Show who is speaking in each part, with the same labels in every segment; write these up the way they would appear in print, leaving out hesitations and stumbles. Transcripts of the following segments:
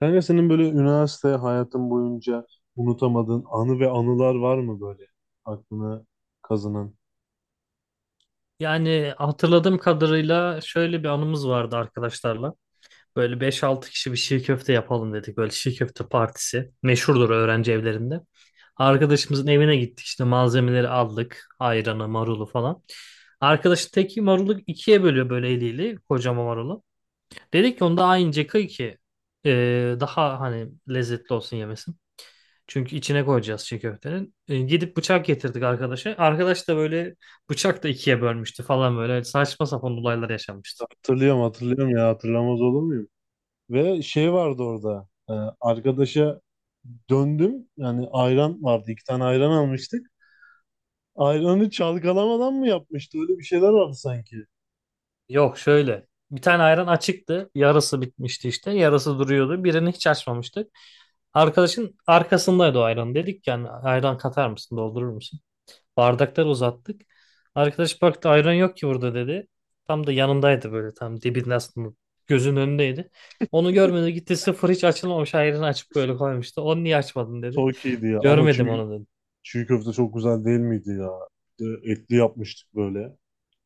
Speaker 1: Kanka senin böyle üniversite hayatın boyunca unutamadığın anı ve anılar var mı böyle aklına kazınan?
Speaker 2: Yani hatırladığım kadarıyla şöyle bir anımız vardı arkadaşlarla. Böyle beş altı kişi bir şiş köfte yapalım dedik. Böyle şiş köfte partisi. Meşhurdur öğrenci evlerinde. Arkadaşımızın evine gittik işte malzemeleri aldık. Ayranı, marulu falan. Arkadaşın teki marulu ikiye bölüyor böyle eliyle. Kocaman marulu. Dedik ki onda aynı kıy ki daha hani lezzetli olsun yemesi. Çünkü içine koyacağız çiğ köftenin. Gidip bıçak getirdik arkadaşa. Arkadaş da böyle bıçak da ikiye bölmüştü falan böyle saçma sapan olaylar yaşanmıştı.
Speaker 1: Hatırlıyorum, hatırlıyorum ya, hatırlamaz olur muyum? Ve şey vardı orada, arkadaşa döndüm yani, ayran vardı, iki tane ayran almıştık. Ayranı çalkalamadan mı yapmıştı, öyle bir şeyler vardı sanki.
Speaker 2: Yok şöyle. Bir tane ayran açıktı. Yarısı bitmişti işte. Yarısı duruyordu. Birini hiç açmamıştık. Arkadaşın arkasındaydı o ayran. Dedik yani ayran katar mısın, doldurur musun? Bardaklar uzattık. Arkadaş baktı ayran yok ki burada dedi. Tam da yanındaydı böyle tam dibinde aslında gözün önündeydi. Onu görmedi gitti sıfır hiç açılmamış ayranı açıp böyle koymuştu. Onu niye açmadın dedi.
Speaker 1: Soğukiydi diye ama
Speaker 2: Görmedim
Speaker 1: çiğ,
Speaker 2: onu dedi.
Speaker 1: çiğ köfte çok güzel değil miydi ya? Etli yapmıştık böyle.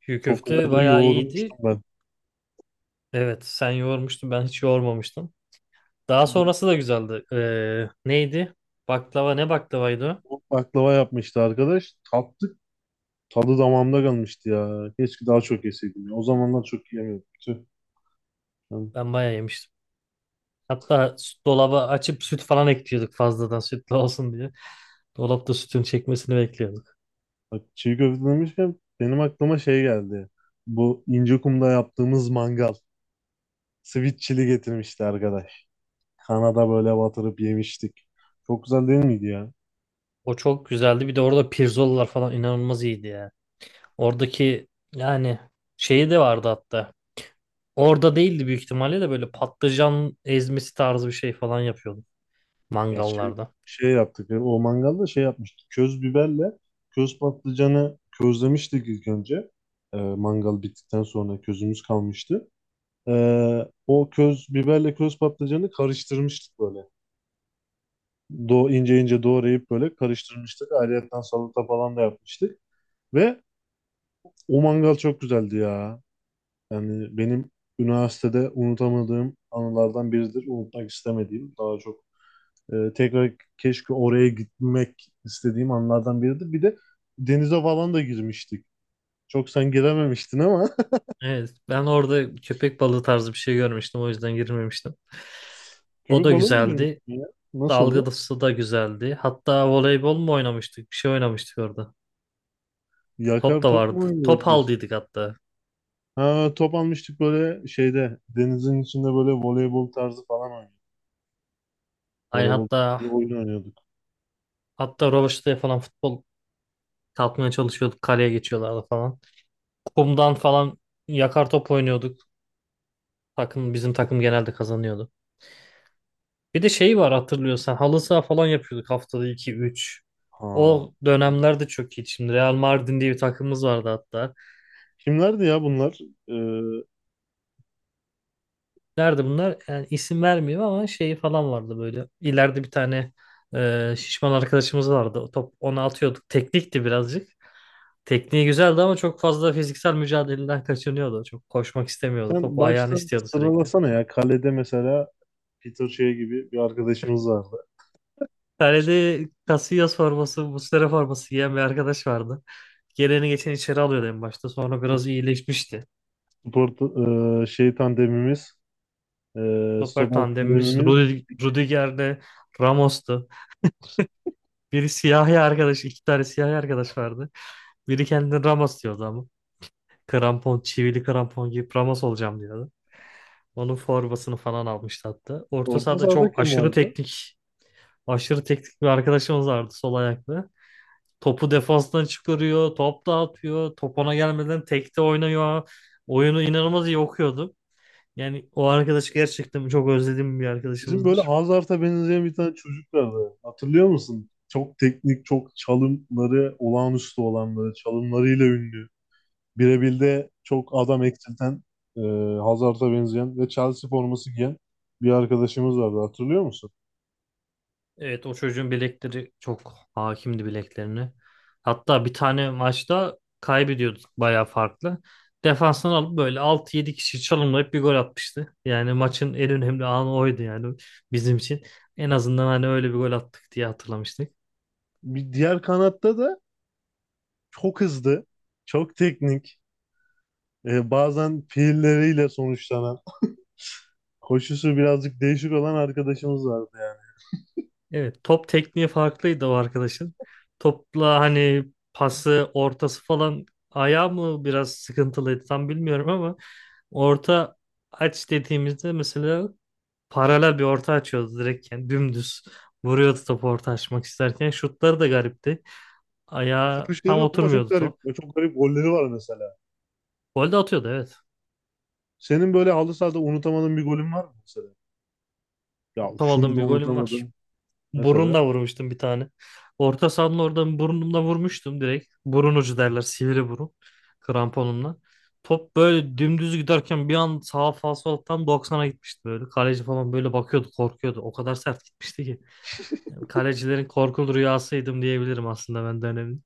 Speaker 2: Çiğ
Speaker 1: Çok
Speaker 2: köfte
Speaker 1: güzel de
Speaker 2: bayağı iyiydi.
Speaker 1: yoğurmuştum ben.
Speaker 2: Evet sen yoğurmuştun ben hiç yoğurmamıştım. Daha sonrası da güzeldi. Neydi? Baklava ne baklavaydı o?
Speaker 1: Baklava yapmıştı arkadaş. Tattık. Tadı damağımda kalmıştı ya. Keşke daha çok yeseydim ya. O zamanlar çok yiyemiyordum. Tüh. Yani
Speaker 2: Ben bayağı yemiştim. Hatta dolaba açıp süt falan ekliyorduk fazladan sütlü olsun diye. Dolapta sütün çekmesini bekliyorduk.
Speaker 1: bak, çiğ köfte demişken benim aklıma şey geldi. Bu İncekum'da yaptığımız mangal. Sweet chili getirmişti arkadaş. Kanada böyle batırıp yemiştik. Çok güzel değil miydi ya?
Speaker 2: O çok güzeldi. Bir de orada pirzolalar falan inanılmaz iyiydi ya. Oradaki yani şeyi de vardı hatta. Orada değildi büyük ihtimalle de böyle patlıcan ezmesi tarzı bir şey falan yapıyordu
Speaker 1: Ya şey,
Speaker 2: mangallarda.
Speaker 1: O mangalda şey yapmıştık. Köz biberle köz patlıcanı közlemiştik ilk önce. Mangal bittikten sonra közümüz kalmıştı. O köz biberle köz patlıcanı karıştırmıştık böyle. İnce ince doğrayıp böyle karıştırmıştık. Ayrıyetten salata falan da yapmıştık. Ve o mangal çok güzeldi ya. Yani benim üniversitede unutamadığım anılardan biridir. Unutmak istemediğim, daha çok, tekrar keşke oraya gitmek istediğim anlardan biridir. Bir de denize falan da girmiştik. Çok sen girememiştin ama
Speaker 2: Evet, ben orada köpek balığı tarzı bir şey görmüştüm. O yüzden girmemiştim. O
Speaker 1: köpek
Speaker 2: da
Speaker 1: balığı mı,
Speaker 2: güzeldi.
Speaker 1: girmiştin ya? Nasıldı?
Speaker 2: Dalgalısı da güzeldi. Hatta voleybol mu oynamıştık? Bir şey oynamıştık orada.
Speaker 1: Yakar
Speaker 2: Top da
Speaker 1: top mu
Speaker 2: vardı.
Speaker 1: oynuyorduk
Speaker 2: Top
Speaker 1: biz?
Speaker 2: aldıydık hatta.
Speaker 1: Ha, top almıştık, böyle şeyde, denizin içinde böyle voleybol tarzı falan oynuyor.
Speaker 2: Aynı
Speaker 1: Voleybol,
Speaker 2: hatta
Speaker 1: bir oyun oynuyorduk.
Speaker 2: hatta Roveşte'ye falan futbol kalkmaya çalışıyorduk. Kaleye geçiyorlardı falan. Kumdan falan yakar top oynuyorduk. Takım bizim takım genelde kazanıyordu. Bir de şey var hatırlıyorsan halı saha falan yapıyorduk haftada iki üç.
Speaker 1: Ha.
Speaker 2: O
Speaker 1: E,
Speaker 2: dönemlerde çok iyi. Şimdi Real Mardin diye bir takımımız vardı hatta.
Speaker 1: kimlerdi ya bunlar? Ee,
Speaker 2: Nerede bunlar? Yani isim vermeyeyim ama şeyi falan vardı böyle. İleride bir tane şişman arkadaşımız vardı. O top ona atıyorduk. Teknikti birazcık. Tekniği güzeldi ama çok fazla fiziksel mücadeleden kaçınıyordu. Çok koşmak istemiyordu. Top
Speaker 1: Sen
Speaker 2: ayağını
Speaker 1: baştan
Speaker 2: istiyordu sürekli.
Speaker 1: sıralasana ya. Kalede mesela Peter Shea gibi bir arkadaşımız vardı.
Speaker 2: Tane de Casillas forması, Muslera forması giyen bir arkadaş vardı. Geleni geçen içeri alıyordu en başta. Sonra biraz iyileşmişti.
Speaker 1: Spor, şey tandemimiz,
Speaker 2: Stoper
Speaker 1: stoper
Speaker 2: tandemimiz
Speaker 1: tandemimiz.
Speaker 2: Rudiger'le Ramos'tu. Biri siyahi arkadaş, iki tane siyahi arkadaş vardı. Biri kendini Ramos diyordu ama. Krampon, çivili krampon giyip Ramos olacağım diyordu. Onun formasını falan almıştı hatta. Orta
Speaker 1: Orta
Speaker 2: sahada
Speaker 1: sahada
Speaker 2: çok
Speaker 1: kim
Speaker 2: aşırı
Speaker 1: vardı?
Speaker 2: teknik, aşırı teknik bir arkadaşımız vardı sol ayaklı. Topu defanstan çıkarıyor. Top dağıtıyor. Top ona gelmeden tekte oynuyor. Oyunu inanılmaz iyi okuyordu. Yani o arkadaş gerçekten çok özlediğim bir
Speaker 1: Bizim böyle
Speaker 2: arkadaşımızdır.
Speaker 1: Hazard'a benzeyen bir tane çocuk vardı. Hatırlıyor musun? Çok teknik, çok çalımları olağanüstü olan, böyle çalımlarıyla ünlü. Birebir'de çok adam eksilten, e, Hazard'a benzeyen ve Chelsea forması giyen bir arkadaşımız vardı, hatırlıyor musun?
Speaker 2: Evet o çocuğun bilekleri çok hakimdi bileklerine. Hatta bir tane maçta kaybediyorduk bayağı farklı. Defanstan alıp böyle 6 yedi kişi çalımlayıp bir gol atmıştı. Yani maçın en önemli anı oydu yani bizim için. En azından hani öyle bir gol attık diye hatırlamıştık.
Speaker 1: Bir diğer kanatta da çok hızlı, çok teknik, bazen fiilleriyle sonuçlanan, koşusu birazcık değişik olan arkadaşımız vardı yani.
Speaker 2: Evet, top tekniği farklıydı o arkadaşın. Topla hani pası, ortası falan ayağı mı biraz sıkıntılıydı tam bilmiyorum ama orta aç dediğimizde mesela paralel bir orta açıyordu direkt yani dümdüz vuruyordu topu orta açmak isterken şutları da garipti. Ayağı tam
Speaker 1: Vuruşları ama çok
Speaker 2: oturmuyordu
Speaker 1: garip
Speaker 2: top.
Speaker 1: çok garip golleri var mesela.
Speaker 2: Gol de atıyordu evet.
Speaker 1: Senin böyle halı sahada unutamadığın bir golün var mı mesela? Ya
Speaker 2: Tam
Speaker 1: şunu
Speaker 2: aldığım
Speaker 1: da
Speaker 2: bir golüm var.
Speaker 1: unutamadım mesela.
Speaker 2: Burunla vurmuştum bir tane. Orta sahanın oradan burnumla vurmuştum direkt. Burun ucu derler sivri burun. Kramponumla. Top böyle dümdüz giderken bir an sağ falsolattan 90'a gitmişti böyle. Kaleci falan böyle bakıyordu korkuyordu. O kadar sert gitmişti ki. Yani kalecilerin korkulu rüyasıydım diyebilirim aslında ben dönemin.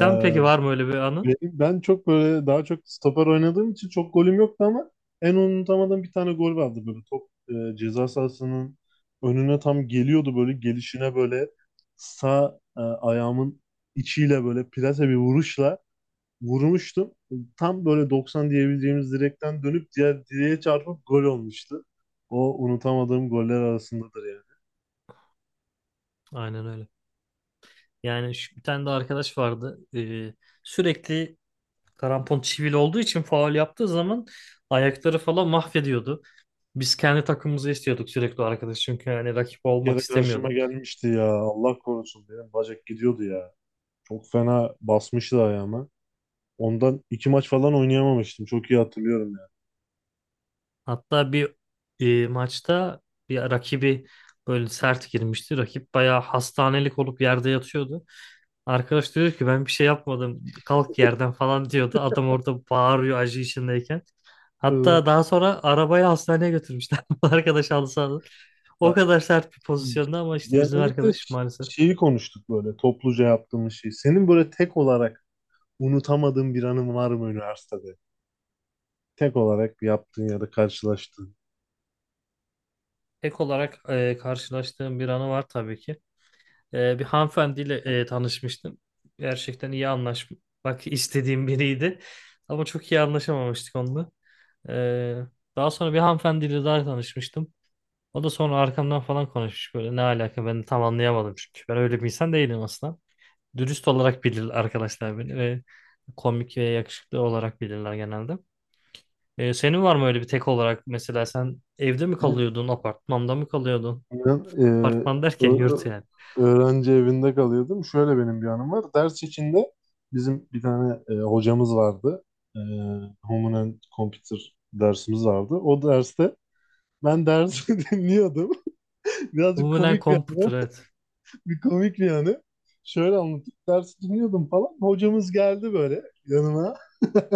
Speaker 1: Ee,
Speaker 2: peki var mı öyle bir anı?
Speaker 1: ben çok böyle, daha çok stoper oynadığım için çok golüm yoktu ama en unutamadığım bir tane gol vardı. Böyle top, ceza sahasının önüne tam geliyordu böyle, gelişine böyle sağ, ayağımın içiyle böyle plase bir vuruşla vurmuştum. Tam böyle 90 diyebileceğimiz, direkten dönüp diğer direğe çarpıp gol olmuştu. O unutamadığım goller arasındadır yani.
Speaker 2: Aynen öyle. Yani şu, bir tane de arkadaş vardı. Sürekli krampon çivili olduğu için faul yaptığı zaman ayakları falan mahvediyordu. Biz kendi takımımızı istiyorduk sürekli o arkadaş çünkü hani rakip
Speaker 1: Bir
Speaker 2: olmak
Speaker 1: kere karşıma
Speaker 2: istemiyordum.
Speaker 1: gelmişti ya, Allah korusun, benim bacak gidiyordu ya. Çok fena basmıştı ayağıma. Ondan iki maç falan oynayamamıştım. Çok iyi hatırlıyorum yani.
Speaker 2: Hatta bir maçta bir rakibi böyle sert girmişti. Rakip bayağı hastanelik olup yerde yatıyordu. Arkadaş diyor ki ben bir şey yapmadım kalk yerden falan diyordu. Adam orada bağırıyor acı içindeyken.
Speaker 1: Iı,
Speaker 2: Hatta daha sonra arabayı hastaneye götürmüşler. Bu arkadaş halı sahada. O
Speaker 1: Ya,
Speaker 2: kadar sert bir pozisyonda ama işte bizim
Speaker 1: genellikle
Speaker 2: arkadaş maalesef.
Speaker 1: şeyi konuştuk, böyle topluca yaptığımız şey. Senin böyle tek olarak unutamadığın bir anın var mı üniversitede? Tek olarak yaptığın ya da karşılaştığın.
Speaker 2: Ek olarak karşılaştığım bir anı var tabii ki. Bir hanımefendiyle tanışmıştım. Gerçekten iyi anlaşmak istediğim biriydi. Ama çok iyi anlaşamamıştık onunla. Ee, Daha sonra bir hanımefendiyle daha tanışmıştım. O da sonra arkamdan falan konuşmuş böyle ne alaka ben de tam anlayamadım çünkü ben öyle bir insan değilim aslında. Dürüst olarak bilir arkadaşlar beni ve komik ve yakışıklı olarak bilirler genelde. Senin var mı öyle bir tek olarak mesela sen evde mi
Speaker 1: Ben,
Speaker 2: kalıyordun, apartmanda mı kalıyordun?
Speaker 1: e,
Speaker 2: Apartman derken yurt
Speaker 1: ö-
Speaker 2: yani.
Speaker 1: Öğrenci evinde kalıyordum. Şöyle benim bir anım var. Ders içinde bizim bir tane hocamız vardı. E, Human and Computer dersimiz vardı. O derste ben dersi dinliyordum. Birazcık
Speaker 2: Umumen
Speaker 1: komik bir anı.
Speaker 2: komputer evet.
Speaker 1: Bir komik bir anı. Şöyle anlatayım. Dersi dinliyordum falan. Hocamız geldi böyle yanıma.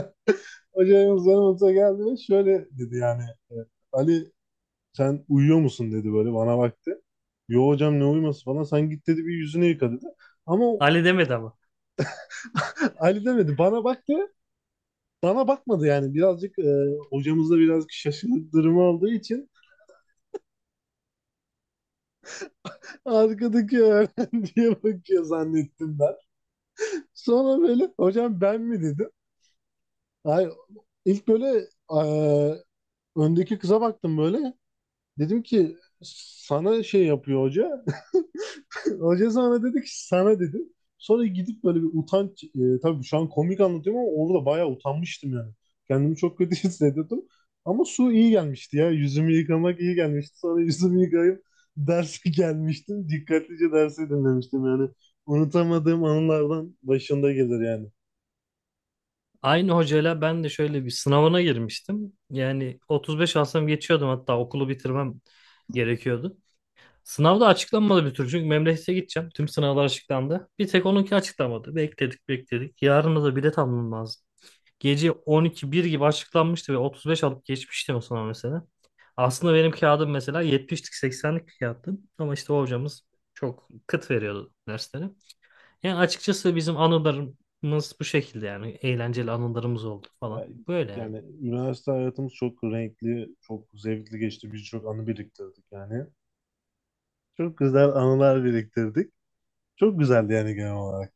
Speaker 1: Hocamız yanımıza geldi ve şöyle dedi yani. e, Ali sen uyuyor musun dedi, böyle bana baktı. Yo hocam, ne uyuması falan. Sen git dedi, bir yüzünü yıka dedi. Ama o-
Speaker 2: Ali demedi ama.
Speaker 1: Ali demedi. Bana baktı. Bana bakmadı yani. Birazcık, hocamız da birazcık şaşırdık durumu olduğu için, arkadaki öğrenciye bakıyor zannettim ben. Sonra böyle, hocam ben mi dedi. Ay, ilk böyle eee, öndeki kıza baktım böyle. Dedim ki sana şey yapıyor hoca. Hoca sana dedi ki, sana dedi. Sonra gidip böyle bir utanç. Tabii şu an komik anlatıyorum ama orada bayağı utanmıştım yani. Kendimi çok kötü hissediyordum. Ama su iyi gelmişti ya. Yüzümü yıkamak iyi gelmişti. Sonra yüzümü yıkayıp derse gelmiştim. Dikkatlice dersi dinlemiştim yani. Unutamadığım anılardan başında gelir yani.
Speaker 2: Aynı hocayla ben de şöyle bir sınavına girmiştim. Yani 35 alsam geçiyordum hatta okulu bitirmem gerekiyordu. Sınavda açıklanmadı bir türlü çünkü memlekete gideceğim. Tüm sınavlar açıklandı. Bir tek onunki açıklanmadı. Bekledik bekledik. Yarın da bilet almam lazım. Gece 12-1 gibi açıklanmıştı ve 35 alıp geçmiştim o sınav mesela. Aslında benim kağıdım mesela 70'lik 80'lik bir kağıttı. Ama işte o hocamız çok kıt veriyordu dersleri. Yani açıkçası bizim anılarımız bu şekilde yani. Eğlenceli anılarımız oldu falan.
Speaker 1: Yani,
Speaker 2: Böyle yani.
Speaker 1: Yani üniversite hayatımız çok renkli, çok zevkli geçti. Birçok anı biriktirdik yani. Çok güzel anılar biriktirdik. Çok güzeldi yani genel olarak.